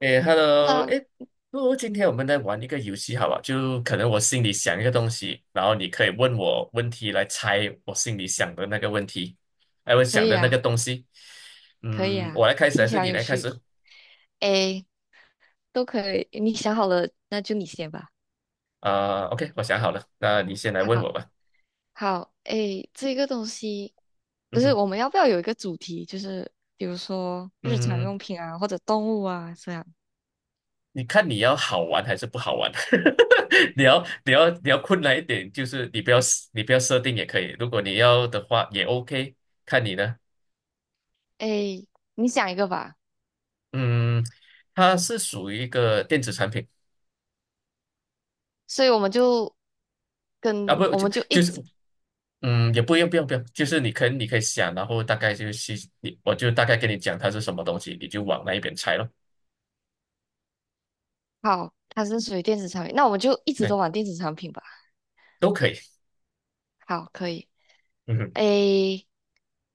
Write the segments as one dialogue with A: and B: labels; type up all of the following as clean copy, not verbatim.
A: 诶，Hello，
B: Club
A: 诶，不如今天我们来玩一个游戏好吧？就可能我心里想一个东西，然后你可以问我问题来猜我心里想的那个问题，哎，我想
B: 可以
A: 的那
B: 啊，
A: 个东西。
B: 可以
A: 嗯，
B: 啊，
A: 我来开始
B: 听
A: 还
B: 起
A: 是
B: 来很
A: 你
B: 有
A: 来开
B: 趣。
A: 始？
B: 诶，都可以，你想好了，那就你先吧。
A: 啊，OK，我想好了，那你先来问
B: 好，
A: 我吧。
B: 好，诶，这个东西
A: 嗯
B: 不是
A: 哼，
B: 我们要不要有一个主题，就是比如说日常
A: 嗯，
B: 用品啊，或者动物啊这样。
A: 你看你要好玩还是不好玩？你要困难一点，就是你不要设定也可以，如果你要的话也 OK，看你呢。
B: 诶，你想一个吧，
A: 嗯，它是属于一个电子产品
B: 所以我们就
A: 啊，
B: 跟
A: 不
B: 我
A: 就
B: 们就一
A: 就是，
B: 直
A: 嗯，也不用，就是你可以想，然后大概就是我就大概跟你讲它是什么东西，你就往那一边猜咯，
B: 好，它是属于电子产品，那我们就一直
A: 对，
B: 都玩电子产品吧。
A: 都可以，
B: 好，可以。
A: 嗯哼。
B: 诶，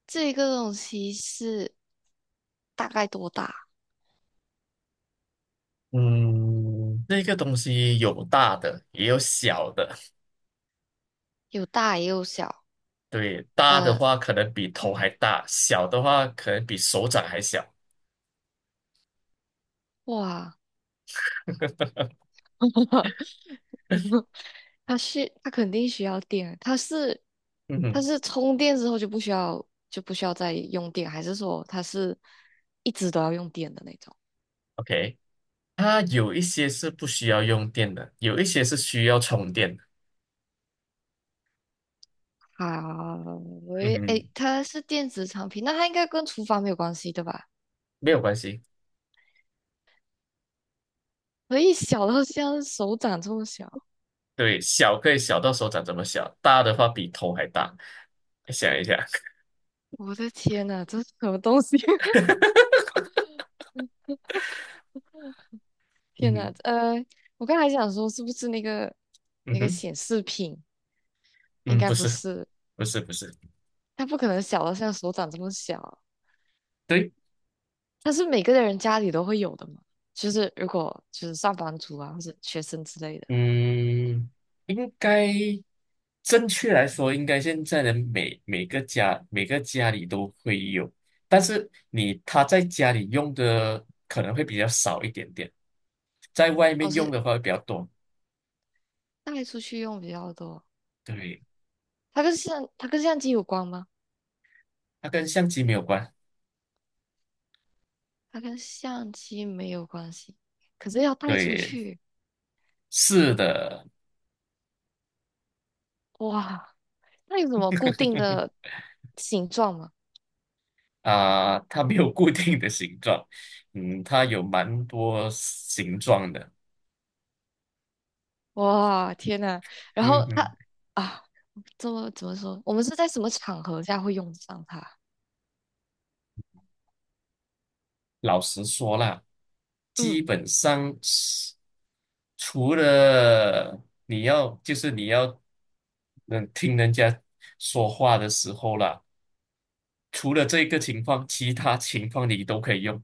B: 这个东西是大概多大？
A: 嗯，那个东西有大的也有小的，
B: 有大也有小，
A: 对，大的
B: 呃，
A: 话可能比头还
B: 嗯，
A: 大，小的话可能比手掌还小，
B: 哇，它肯定需要电，
A: 嗯
B: 它
A: 哼
B: 是充电之后就不需要再用电，还是说它是一直都要用电的那种？
A: ，OK,它有一些是不需要用电的，有一些是需要充电的，
B: 好，
A: 嗯
B: 喂，
A: 哼，
B: 诶，它是电子产品，那它应该跟厨房没有关系对吧？
A: 没有关系。
B: 可以小到像手掌这么小，
A: 对，小可以小到手掌这么小，大的话比头还大。想一下，
B: 我的天呐，这是什么东西？
A: 嗯
B: 天呐，
A: 哼，
B: 我刚才想说是不是
A: 嗯
B: 那个
A: 哼，
B: 显示屏？应
A: 嗯，
B: 该
A: 不
B: 不
A: 是，
B: 是，
A: 不是，不是，
B: 它不可能小到像手掌这么小，
A: 对，
B: 它是每个人家里都会有的嘛。就是如果就是上班族啊，或者学生之类的，
A: 嗯，应该正确来说，应该现在的每个家里都会有，但是他在家里用的可能会比较少一点点，在外
B: 老
A: 面用
B: 师
A: 的话会比较多。
B: 带出去用比较多。
A: 对，
B: 它跟相机有关吗？
A: 它跟相机没有关。
B: 它跟相机没有关系，可是要带出
A: 对，
B: 去，
A: 是的，
B: 哇，那有什么固定的形状吗？
A: 啊、它没有固定的形状，嗯，它有蛮多形状的，
B: 哇，天呐，然
A: 嗯
B: 后它
A: 哼，
B: 啊，这么怎么说？我们是在什么场合下会用得上它？
A: 老实说啦，基
B: 嗯。
A: 本上是除了你要就是你要嗯听人家说话的时候啦，除了这个情况，其他情况你都可以用。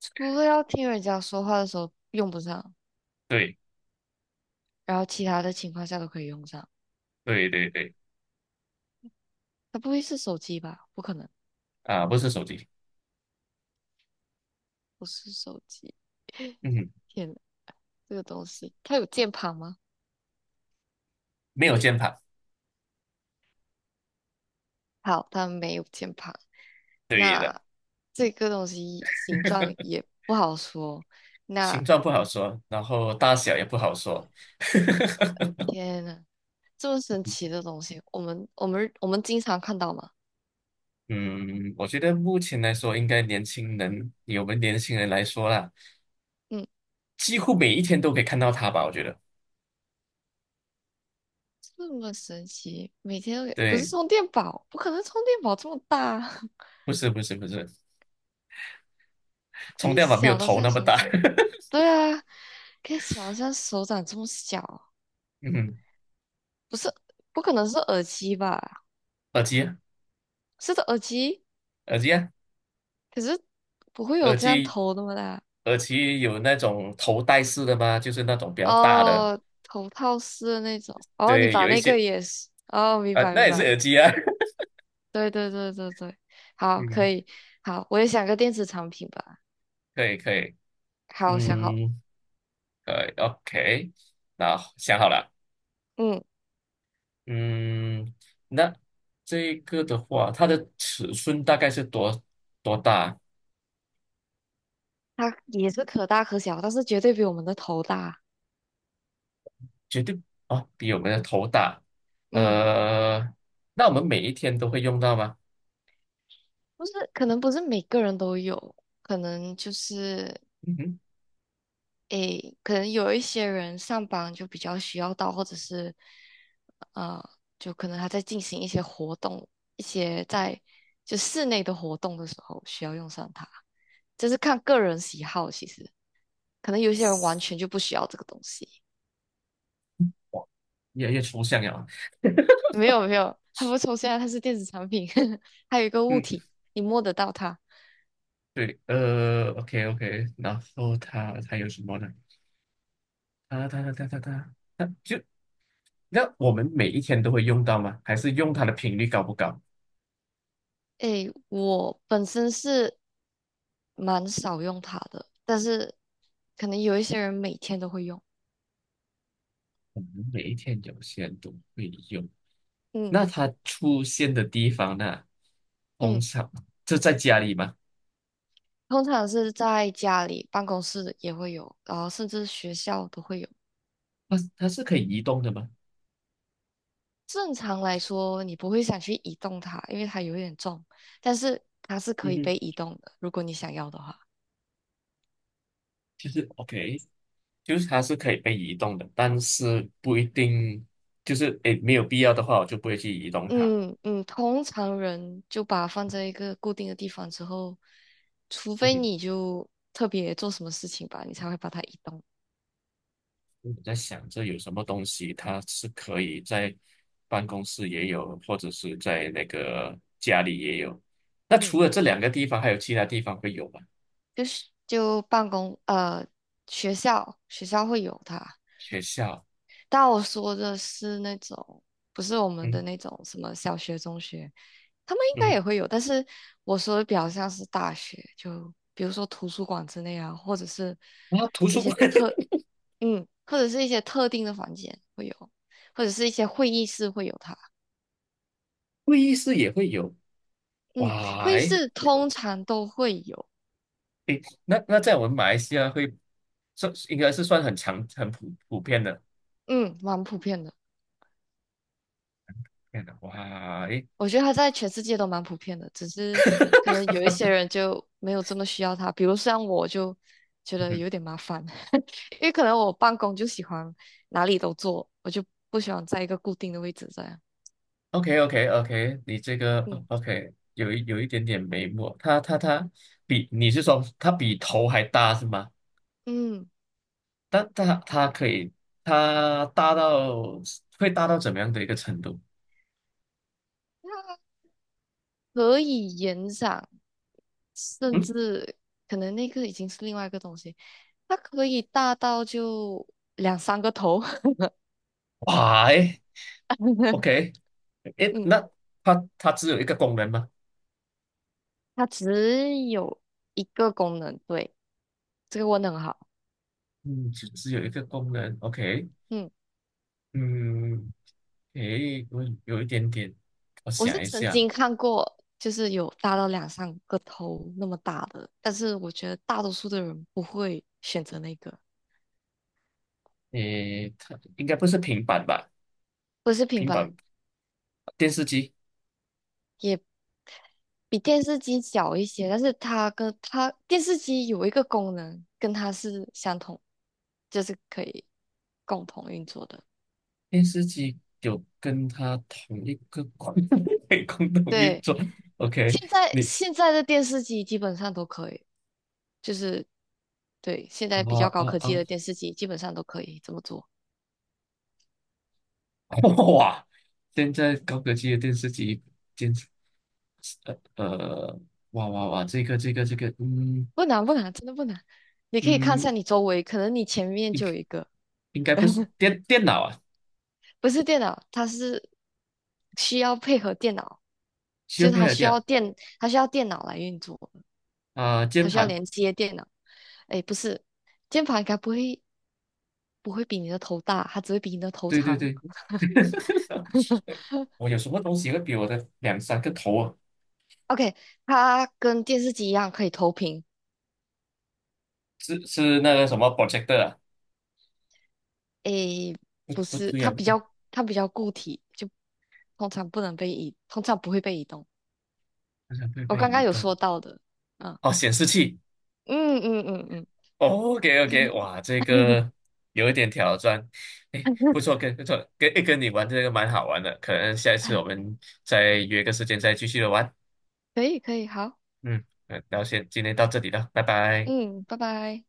B: 除了要听人家说话的时候用不上，
A: 对
B: 然后其他的情况下都可以用上。
A: 对对对，
B: 它不会是手机吧？不可能，
A: 啊，不是手机，
B: 不是手机。
A: 嗯哼，
B: 天呐，这个东西它有键盘吗？
A: 没有键盘，
B: 好，它没有键盘。那这个东西形状也不好说。那
A: 形状不好说，然后大小也不好说。
B: 天呐，这么神奇的东西，我们经常看到嘛。
A: 嗯，我觉得目前来说，应该年轻人，以我们年轻人来说啦，
B: 嗯，
A: 几乎每一天都可以看到它吧。我觉得，
B: 这么神奇，每天都有不是
A: 对，
B: 充电宝，不可能充电宝这么大。
A: 不是，
B: 可
A: 充
B: 以
A: 电宝没有
B: 小到
A: 头
B: 像
A: 那么
B: 手
A: 大。
B: 掌，对啊，可以小到像手掌这么小，
A: 嗯，
B: 不是，不可能是耳机吧？
A: 耳机啊，
B: 是的耳机，
A: 耳机啊，
B: 可是不会有
A: 耳
B: 这样
A: 机，
B: 头那么大
A: 耳机有那种头戴式的吗？就是那种比较大的，
B: 哦，头套式的那种。哦，你
A: 对，
B: 把
A: 有一
B: 那个
A: 些
B: 也是，哦，明
A: 啊，
B: 白
A: 那
B: 明
A: 也是
B: 白，
A: 耳机啊。
B: 对对对对对，好，可
A: 嗯，
B: 以，好，我也想个电子产品吧。
A: 可以可以，
B: 好，想好，
A: 嗯，可以，OK，那想好了。
B: 嗯，
A: 嗯，那这个的话，它的尺寸大概是多大？
B: 它也是可大可小，但是绝对比我们的头大。
A: 绝对啊，比我们的头大。
B: 嗯。
A: 呃，那我们每一天都会用到吗？
B: 不是，可能不是每个人都有，可能就是，
A: 嗯哼，
B: 诶，可能有一些人上班就比较需要到，或者是，呃，就可能他在进行一些活动，一些在就室内的活动的时候需要用上它，这是看个人喜好，其实可能有些人完全就不需要这个东西。
A: 越来越抽象了。
B: 没有没有，它不抽象，它是电子产品，还有一个物
A: 嗯，
B: 体，你摸得到它。
A: 对，呃，OK OK，然后它还有什么呢？它就那我们每一天都会用到吗？还是用它的频率高不高？
B: 诶，我本身是蛮少用它的，但是可能有一些人每天都会用。
A: 我们每一天有些都会用。
B: 嗯
A: 那它出现的地方呢，通
B: 嗯，
A: 常就在家里吗？
B: 通常是在家里、办公室也会有，然后甚至学校都会有。
A: 它是可以移动的吗？
B: 正常来说，你不会想去移动它，因为它有一点重，但是它是可
A: 嗯
B: 以
A: 哼，
B: 被移动的，如果你想要的话。
A: 就是 OK，就是它是可以被移动的，但是不一定，就是诶没有必要的话，我就不会去移动它。
B: 嗯嗯，通常人就把它放在一个固定的地方之后，除
A: 嗯
B: 非
A: 哼，
B: 你就特别做什么事情吧，你才会把它移动。
A: 我在想这有什么东西，它是可以在办公室也有，或者是在那个家里也有。那
B: 嗯。
A: 除了这两个地方，还有其他地方会有吗？
B: 就是就办公呃学校会有它，
A: 学校，
B: 但我说的是那种不是我们的
A: 嗯
B: 那种什么小学、中学，他们应
A: 嗯
B: 该
A: 哼，
B: 也会有，但是我说的比较像是大学，就比如说图书馆之类啊，或者是
A: 然图
B: 一
A: 书
B: 些
A: 馆、
B: 特嗯，或者是一些特定的房间会有，或者是一些会议室会有它，
A: 会议室也会有。
B: 嗯，
A: 哇，
B: 会议
A: 诶
B: 室通常都会有，
A: 诶，那那在我们马来西亚会算应该是算很强很普遍的。
B: 嗯，蛮普遍的。
A: 天哪，哇，诶，
B: 我觉得它在全世界都蛮普遍的，只是可 能有一些人就没有这么需要它，比如像我就觉得
A: 嗯
B: 有点麻烦，因为可能我办公就喜欢哪里都坐，我就不喜欢在一个固定的位置这样。
A: ，OK OK OK，你这个
B: 嗯
A: OK 有一点点眉目，它比你是说它比头还大是吗？
B: 嗯，
A: 但它可以它大到会大到怎么样的一个程度？
B: 它可以延展，甚
A: 嗯，
B: 至可能那个已经是另外一个东西，它可以大到就两三个头。
A: 哇，诶 ，OK，诶，
B: 嗯，
A: 那它只有一个功能吗？
B: 它只有一个功能，对，这个问的很好。
A: 嗯，只只有一个功能，OK，
B: 嗯。
A: 嗯。诶，我有一点点，我
B: 我是
A: 想一
B: 曾
A: 下，
B: 经看过，就是有大到两三个头那么大的，但是我觉得大多数的人不会选择那个，
A: 诶，它应该不是平板吧？
B: 不是平
A: 平
B: 板，
A: 板电视机，
B: 也比电视机小一些，但是它跟它电视机有一个功能跟它是相同，就是可以共同运作的。
A: 电视机有跟它同一个共 共同运
B: 对，
A: 作。OK，你
B: 现在的电视机基本上都可以，就是对现在比
A: 啊
B: 较高
A: 啊
B: 科技
A: 啊，
B: 的电视机基本上都可以这么做。
A: 哇！现在高科技的电视机，电视呃呃，哇哇哇，这个，嗯
B: 不难不难，真的不难。你可以看一
A: 嗯，
B: 下你周围，可能你前面
A: 应
B: 就有一个，
A: 应该不是电脑啊，
B: 不是电脑，它是需要配合电脑，
A: 需要
B: 就是
A: 配
B: 它
A: 合
B: 需要
A: 电
B: 电，它需要电脑来运作，
A: 脑啊，
B: 它
A: 键
B: 需要
A: 盘，
B: 连接电脑。哎，不是，键盘应该不会比你的头大，它只会比你的头
A: 对对
B: 长。
A: 对。我有什么东西会比我的两三个头啊？
B: OK，它跟电视机一样可以投屏。
A: 是是那个什么 projector 啊？
B: 诶，
A: 不
B: 不
A: 不
B: 是，
A: 对啊，不对，
B: 它比较固体，就通常不会被移动。
A: 好像会
B: 我
A: 被
B: 刚
A: 移
B: 刚有
A: 动。
B: 说到的，嗯
A: 哦，显示器。
B: 嗯嗯嗯
A: 哦，OK OK，哇，这个有一点挑战。哎，
B: 嗯，
A: 不错，跟不错，跟你玩这个蛮好玩的。可能下一次我们再约个时间再继续的玩。
B: 可以可以，好，
A: 嗯，然后先今天到这里了，拜拜。
B: 嗯，拜拜。